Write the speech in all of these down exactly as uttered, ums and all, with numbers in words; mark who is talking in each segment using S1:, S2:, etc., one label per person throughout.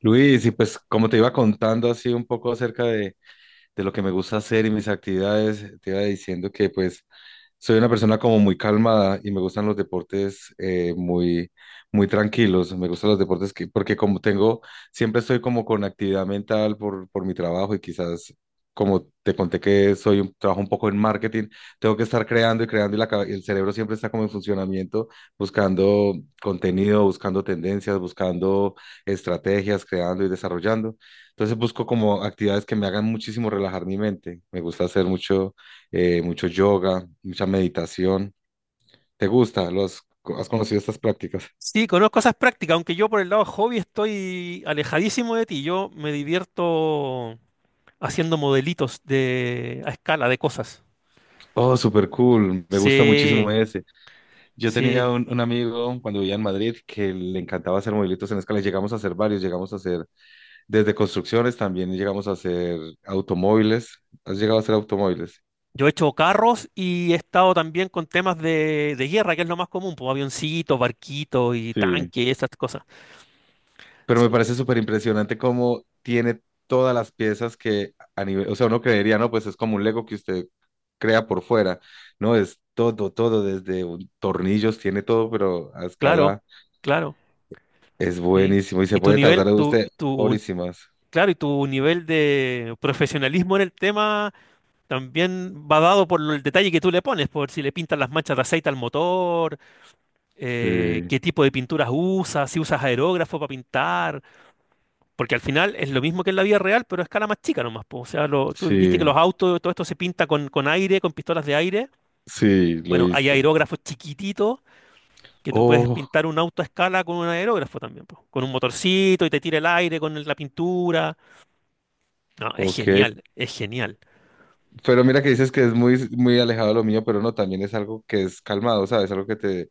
S1: Luis, y pues como te iba contando así un poco acerca de, de lo que me gusta hacer y mis actividades, te iba diciendo que pues soy una persona como muy calmada y me gustan los deportes eh, muy, muy tranquilos. Me gustan los deportes que, porque como tengo, siempre estoy como con actividad mental por, por mi trabajo y quizás como te conté que soy un, trabajo un poco en marketing, tengo que estar creando y creando y la, cabe- el cerebro siempre está como en funcionamiento, buscando contenido, buscando tendencias, buscando estrategias, creando y desarrollando. Entonces busco como actividades que me hagan muchísimo relajar mi mente. Me gusta hacer mucho eh, mucho yoga, mucha meditación. ¿Te gusta? ¿Lo has, has conocido estas prácticas?
S2: Sí, conozco esas prácticas, aunque yo por el lado hobby estoy alejadísimo de ti. Yo me divierto haciendo modelitos de a escala de cosas.
S1: Oh, súper cool. Me gusta muchísimo
S2: Sí,
S1: ese. Yo
S2: sí.
S1: tenía un, un amigo cuando vivía en Madrid que le encantaba hacer movimientos en escala. Llegamos a hacer varios, llegamos a hacer desde construcciones, también llegamos a hacer automóviles. ¿Has llegado a hacer automóviles?
S2: Yo he hecho carros y he estado también con temas de, de guerra, que es lo más común, pues avioncitos, barquitos y
S1: Sí.
S2: tanques, esas cosas.
S1: Pero me
S2: Sí,
S1: parece súper impresionante cómo tiene todas las piezas que a nivel, o sea, uno creería, ¿no? Pues es como un Lego que usted crea por fuera, ¿no? Es todo, todo, desde un- tornillos, tiene todo, pero a
S2: claro,
S1: escala
S2: claro,
S1: es
S2: sí.
S1: buenísimo y se
S2: Y tu
S1: puede tardar
S2: nivel, tu,
S1: usted
S2: tu,
S1: horísimas.
S2: claro, y tu nivel de profesionalismo en el tema también va dado por el detalle que tú le pones, por si le pintas las manchas de aceite al motor, eh,
S1: Sí,
S2: qué tipo de pinturas usas, si usas aerógrafo para pintar, porque al final es lo mismo que en la vida real, pero a escala más chica nomás, po. O sea, lo- tú viste
S1: sí,
S2: que los autos, todo esto se pinta con, con aire, con pistolas de aire.
S1: sí, lo he
S2: Bueno, hay
S1: visto.
S2: aerógrafos chiquititos que tú puedes
S1: Oh,
S2: pintar un auto a escala con un aerógrafo también, po, con un motorcito y te tira el aire con el- la pintura. No, es
S1: ok.
S2: genial, es genial.
S1: Pero mira que dices que es muy, muy alejado de lo mío, pero no, también es algo que es calmado, ¿sabes? Algo que te,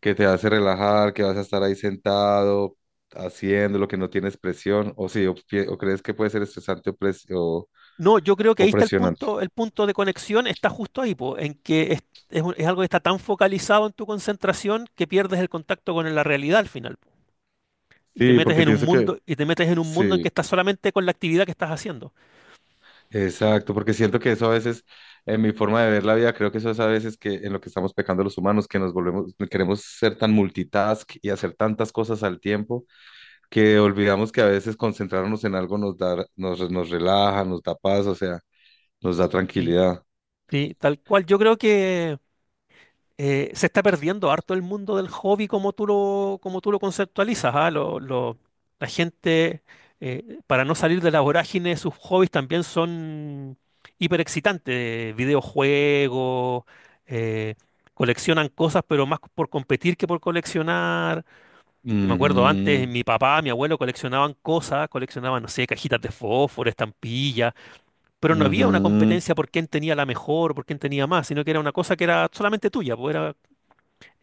S1: que te hace relajar, que vas a estar ahí sentado, haciendo lo que no tienes presión, o sí, o, pi- o crees que puede ser estresante o, pres- o,
S2: No, yo creo que
S1: o
S2: ahí está el
S1: presionante.
S2: punto, el punto de conexión está justo ahí, po, en que es, es un- es algo que está tan focalizado en tu concentración que pierdes el contacto con la realidad al final, po, y te
S1: Sí,
S2: metes
S1: porque
S2: en un
S1: pienso que
S2: mundo, y te metes en un mundo en que
S1: sí.
S2: estás solamente con la actividad que estás haciendo.
S1: Exacto, porque siento que eso a veces, en mi forma de ver la vida, creo que eso es a veces que en lo que estamos pecando los humanos, que nos volvemos, queremos ser tan multitask y hacer tantas cosas al tiempo, que olvidamos que a veces concentrarnos en algo nos da, nos, nos relaja, nos da paz, o sea, nos da
S2: Y,
S1: tranquilidad.
S2: y tal cual, yo creo que eh, se está perdiendo harto el mundo del hobby como tú lo, como tú lo conceptualizas, ¿ah? Lo- lo- la gente, eh, para no salir de la vorágine, sus hobbies también son hiper excitantes videojuegos, eh, coleccionan cosas, pero más por competir que por coleccionar. Yo me acuerdo antes,
S1: Ujú,
S2: mi papá, mi abuelo coleccionaban cosas, coleccionaban, no sé, cajitas de fósforo, estampillas, pero no había una
S1: ujú.
S2: competencia por quién tenía la mejor, por quién tenía más, sino que era una cosa que era solamente tuya, pues, era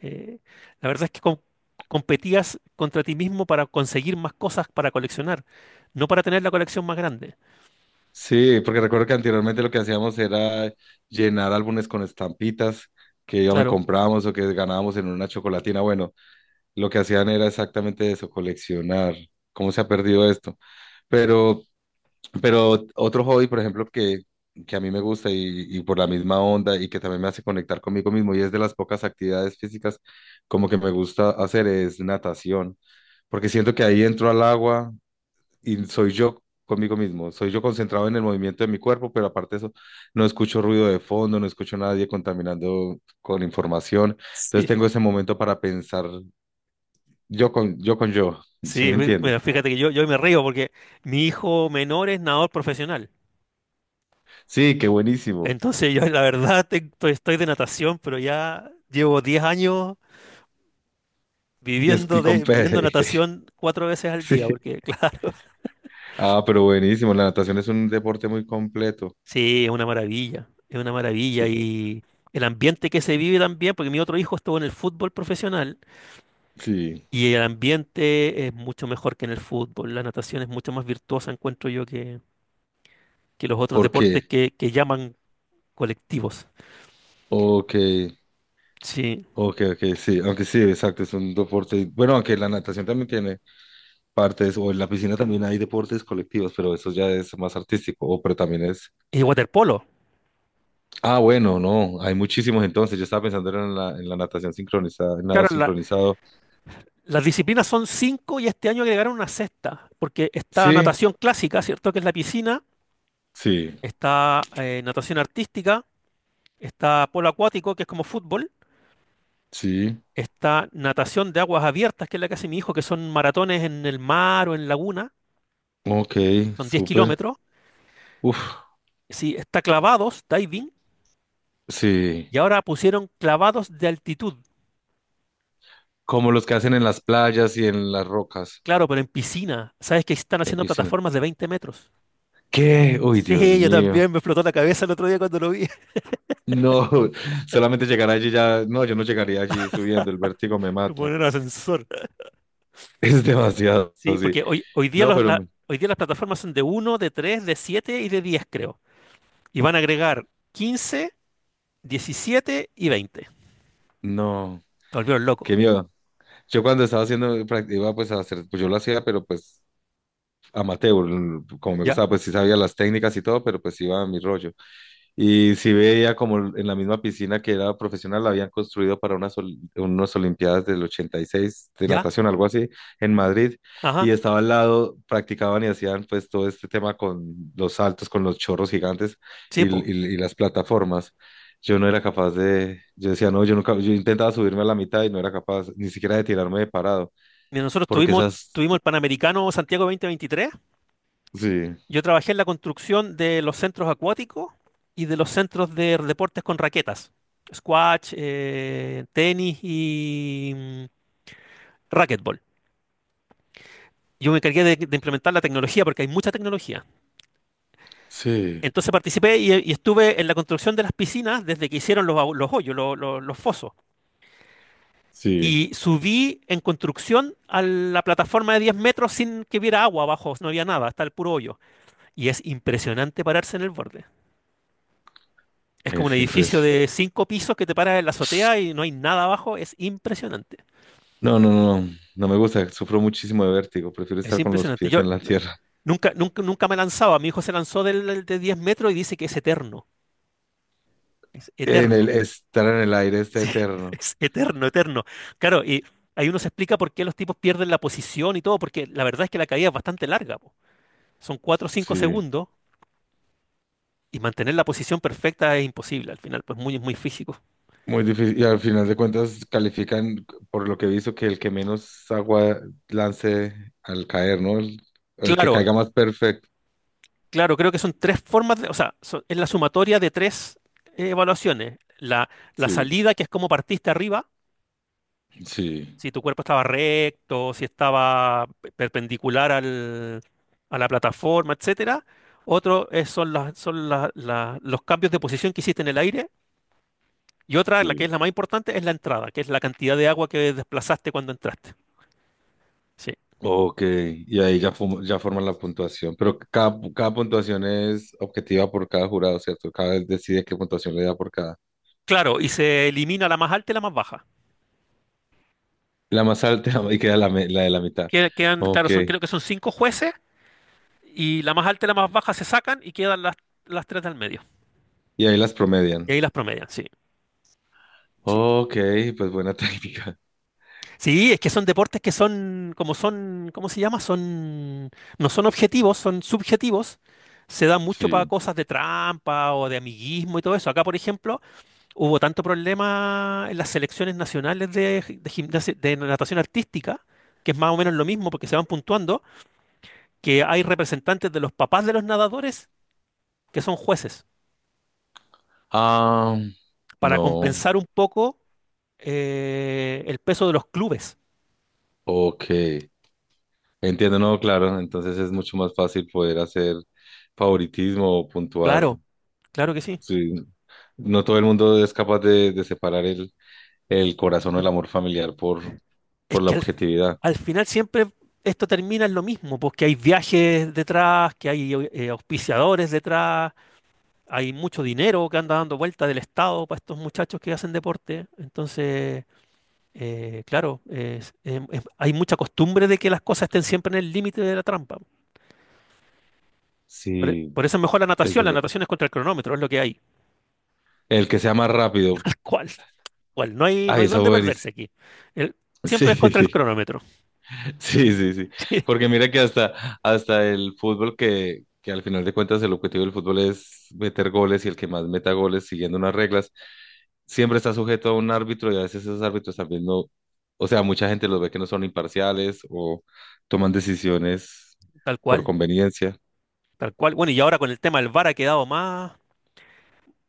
S2: eh, la verdad es que com- competías contra ti mismo para conseguir más cosas para coleccionar, no para tener la colección más grande.
S1: Sí, porque recuerdo que anteriormente lo que hacíamos era llenar álbumes con estampitas que ya me
S2: Claro.
S1: comprábamos o que ganábamos en una chocolatina. Bueno, lo que hacían era exactamente eso, coleccionar. ¿Cómo se ha perdido esto? Pero, pero otro hobby, por ejemplo, que, que a mí me gusta y, y por la misma onda y que también me hace conectar conmigo mismo y es de las pocas actividades físicas como que me gusta hacer es natación, porque siento que ahí entro al agua y soy yo conmigo mismo, soy yo concentrado en el movimiento de mi cuerpo, pero aparte de eso, no escucho ruido de fondo, no escucho a nadie contaminando con información, entonces
S2: Sí.
S1: tengo ese momento para pensar yo con yo, con yo, ¿sí
S2: Sí,
S1: me
S2: mi-
S1: entiende?
S2: mira, fíjate que yo, yo me río porque mi hijo menor es nadador profesional.
S1: Sí, qué buenísimo.
S2: Entonces yo la verdad te- estoy, estoy de natación, pero ya llevo diez años
S1: Y es
S2: viviendo
S1: y con
S2: de
S1: P,
S2: viviendo natación cuatro veces al día,
S1: sí.
S2: porque claro,
S1: Ah, pero buenísimo. La natación es un deporte muy completo.
S2: sí, es una maravilla, es una maravilla
S1: Sí,
S2: y el ambiente que se vive también, porque mi otro hijo estuvo en el fútbol profesional.
S1: sí.
S2: Y el ambiente es mucho mejor que en el fútbol. La natación es mucho más virtuosa, encuentro yo, que, que los otros
S1: ¿Por qué?
S2: deportes que, que llaman colectivos.
S1: Ok,
S2: Sí.
S1: ok, ok, sí. Aunque sí, exacto, es un deporte. Bueno, aunque la natación también tiene partes, o en la piscina también hay deportes colectivos, pero eso ya es más artístico, o pero también es.
S2: Y waterpolo.
S1: Ah, bueno, no, hay muchísimos entonces. Yo estaba pensando era en la, en la natación sincronizada, en nado
S2: Claro, la-
S1: sincronizado.
S2: las disciplinas son cinco y este año agregaron una sexta, porque está
S1: Sí,
S2: natación clásica, ¿cierto? Que es la piscina,
S1: sí,
S2: está eh, natación artística, está polo acuático, que es como fútbol,
S1: sí.
S2: está natación de aguas abiertas, que es la que hace mi hijo, que son maratones en el mar o en laguna,
S1: Ok,
S2: son diez
S1: súper.
S2: kilómetros.
S1: Uf,
S2: Sí, está clavados, diving.
S1: sí.
S2: Y ahora pusieron clavados de altitud.
S1: Como los que hacen en las playas y en las rocas,
S2: Claro, pero en piscina. ¿Sabes que están
S1: en
S2: haciendo
S1: piscina.
S2: plataformas de veinte metros?
S1: ¿Qué? Uy, Dios
S2: Sí, yo
S1: mío.
S2: también me explotó la cabeza el otro día cuando lo vi.
S1: No, solamente llegar allí ya. No, yo no llegaría allí subiendo, el vértigo me mata.
S2: Poner ascensor.
S1: Es demasiado,
S2: Sí,
S1: sí.
S2: porque hoy, hoy día
S1: No,
S2: los,
S1: pero
S2: la-
S1: me-
S2: hoy día las plataformas son de uno, de tres, de siete y de diez, creo. Y van a agregar quince, diecisiete y veinte.
S1: no,
S2: Te volvieron loco.
S1: qué miedo. Yo cuando estaba haciendo práctica, pues a hacer, pues yo lo hacía, pero pues amateur, como me
S2: ¿Ya?
S1: gustaba, pues sí sabía las técnicas y todo, pero pues iba a mi rollo. Y sí veía como en la misma piscina que era profesional, la habían construido para unas, ol- unas Olimpiadas del ochenta y seis de
S2: ¿Ya?
S1: natación, algo así, en Madrid. Y
S2: Ajá.
S1: estaba al lado, practicaban y hacían pues todo este tema con los saltos, con los chorros gigantes
S2: Sí,
S1: y,
S2: po.
S1: y- y las plataformas. Yo no era capaz de, yo decía, no, yo nunca, yo intentaba subirme a la mitad y no era capaz ni siquiera de tirarme de parado,
S2: Mira, nosotros
S1: porque
S2: tuvimos,
S1: esas,
S2: tuvimos el Panamericano Santiago dos mil veintitrés.
S1: sí,
S2: Yo trabajé en la construcción de los centros acuáticos y de los centros de deportes con raquetas, squash, eh, tenis y mm, racquetball. Yo me encargué de, de implementar la tecnología porque hay mucha tecnología.
S1: sí,
S2: Entonces participé y, y estuve en la construcción de las piscinas desde que hicieron los, agu- los hoyos, lo- lo- los fosos.
S1: sí,
S2: Y subí en construcción a la plataforma de diez metros sin que hubiera agua abajo, no había nada, hasta el puro hoyo. Y es impresionante pararse en el borde. Es como un
S1: es
S2: edificio
S1: impresionante.
S2: de cinco pisos que te paras en la azotea y no hay nada abajo. Es impresionante.
S1: No, no, no, no, no me gusta, sufro muchísimo de vértigo, prefiero
S2: Es
S1: estar con los
S2: impresionante.
S1: pies
S2: Yo
S1: en la
S2: n-
S1: tierra,
S2: nunca, nunca, nunca me lanzaba. Mi hijo se lanzó del, de diez metros y dice que es eterno. Es
S1: en el
S2: eterno.
S1: estar en el aire está eterno.
S2: Es eterno, eterno. Claro, y ahí uno se explica por qué los tipos pierden la posición y todo, porque la verdad es que la caída es bastante larga, po. Son cuatro o cinco
S1: Sí,
S2: segundos y mantener la posición perfecta es imposible al final, pues muy, muy físico.
S1: muy difícil. Y al final de cuentas califican, por lo que he visto, que el que menos agua lance al caer, ¿no? El, el que
S2: Claro,
S1: caiga más perfecto.
S2: claro, creo que son tres formas de, o sea, so- es la sumatoria de tres eh, evaluaciones. La, la
S1: Sí,
S2: salida, que es cómo partiste arriba,
S1: sí,
S2: si tu cuerpo estaba recto, si estaba pe- perpendicular al- a la plataforma, etcétera. Otro es- son, las- son la- la- Los cambios de posición que hiciste en el aire. Y otra, la que
S1: sí.
S2: es la más importante, es la entrada, que es la cantidad de agua que desplazaste cuando entraste. Sí.
S1: Ok, y ahí ya, fumo- ya forman la puntuación, pero cada, cada puntuación es objetiva por cada jurado, ¿cierto? Cada vez decide qué puntuación le da por cada.
S2: Claro, y se elimina la más alta y la más baja.
S1: La más alta y queda la, me- la de la mitad.
S2: Que- Quedan, claro,
S1: Ok.
S2: son- creo que son cinco jueces. Y la más alta y la más baja se sacan y quedan las, las tres del medio.
S1: Y ahí las
S2: Y
S1: promedian.
S2: ahí las promedian, sí. Sí.
S1: Ok, pues buena técnica.
S2: Sí, es que son deportes que son, como son, ¿cómo se llama? Son, no son objetivos, son subjetivos. Se da mucho para
S1: Sí.
S2: cosas de trampa o de amiguismo y todo eso. Acá, por ejemplo, hubo tanto problema en las selecciones nacionales de, gi- de gimnasia- de natación artística, que es más o menos lo mismo porque se van puntuando, que hay representantes de los papás de los nadadores que son jueces,
S1: Ah,
S2: para
S1: no.
S2: compensar un poco eh, el peso de los clubes.
S1: Ok. Entiendo, no, claro. Entonces es mucho más fácil poder hacer favoritismo o puntuar.
S2: Claro, claro que sí.
S1: Sí. No todo el mundo es capaz de, de separar el, el corazón o el amor familiar por,
S2: Es
S1: por la
S2: que al,
S1: objetividad.
S2: al final siempre esto termina en lo mismo, porque hay viajes detrás, que hay eh, auspiciadores detrás, hay mucho dinero que anda dando vuelta del Estado para estos muchachos que hacen deporte. Entonces, eh, claro, es- em- em- hay mucha costumbre de que las cosas estén siempre en el límite de la trampa. Por, e-
S1: Sí,
S2: por eso es mejor la
S1: es
S2: natación, la
S1: verdad.
S2: natación es contra el cronómetro, es lo que hay.
S1: El que sea más rápido.
S2: ¿Cuál? ¿Cuál? No hay, no
S1: Ay,
S2: hay
S1: esa
S2: dónde perderse
S1: buenísima.
S2: aquí. El- Siempre es contra el
S1: Sí.
S2: cronómetro.
S1: Sí, sí, sí. Porque mira que hasta, hasta el fútbol, que, que al final de cuentas el objetivo del fútbol es meter goles y el que más meta goles siguiendo unas reglas, siempre está sujeto a un árbitro y a veces esos árbitros también no, o sea, mucha gente los ve que no son imparciales o toman decisiones
S2: Tal
S1: por
S2: cual,
S1: conveniencia.
S2: tal cual. Bueno, y ahora con el tema del VAR ha quedado más,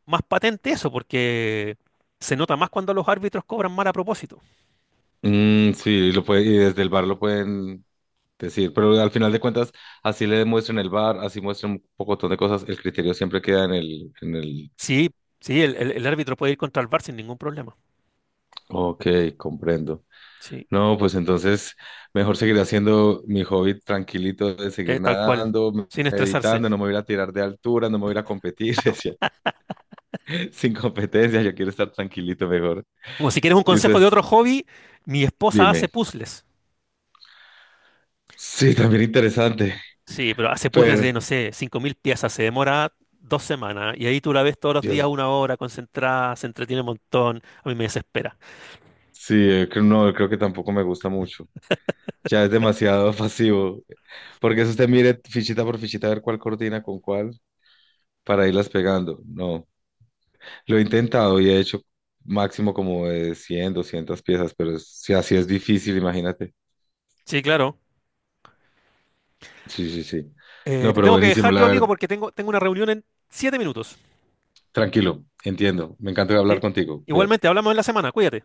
S2: más patente eso, porque se nota más cuando los árbitros cobran mal a propósito.
S1: Mm, sí, lo puede, y desde el bar lo pueden decir, pero al final de cuentas, así le demuestren el bar, así muestran un pocotón de cosas, el criterio siempre queda en el, en el,
S2: Sí, sí, el, el- el árbitro puede ir contra el VAR sin ningún problema.
S1: ok, comprendo.
S2: Sí,
S1: No, pues entonces mejor seguir haciendo mi hobby tranquilito de
S2: eh,
S1: seguir
S2: tal cual,
S1: nadando,
S2: sin estresarse.
S1: meditando, no me voy a ir a tirar de altura, no me voy a ir a competir, decía, sin competencia, yo quiero estar tranquilito mejor.
S2: Como si quieres un
S1: Y
S2: consejo de
S1: ustedes,
S2: otro hobby, mi esposa hace
S1: dime,
S2: puzzles.
S1: sí, también interesante,
S2: Sí, pero hace puzzles
S1: pero
S2: de, no sé, cinco mil piezas, se demora dos semanas y ahí tú la ves todos los
S1: yo
S2: días una hora, concentrada, se entretiene un montón, a mí me desespera.
S1: sí, eh, creo- no, creo que tampoco me gusta mucho. Ya es demasiado pasivo, porque eso usted mire fichita por fichita a ver cuál coordina con cuál para irlas pegando. No. Lo he intentado y he hecho máximo como de cien, doscientas piezas, pero es- si así es difícil, imagínate.
S2: Sí, claro.
S1: Sí, sí, sí.
S2: Eh,
S1: No,
S2: te
S1: pero
S2: tengo que
S1: buenísimo,
S2: dejar
S1: la
S2: yo, amigo,
S1: verdad,
S2: porque tengo, tengo una reunión en siete minutos.
S1: tranquilo, entiendo. Me encanta hablar
S2: ¿Sí?
S1: contigo.
S2: Igualmente,
S1: Cuídate.
S2: hablamos en la semana. Cuídate.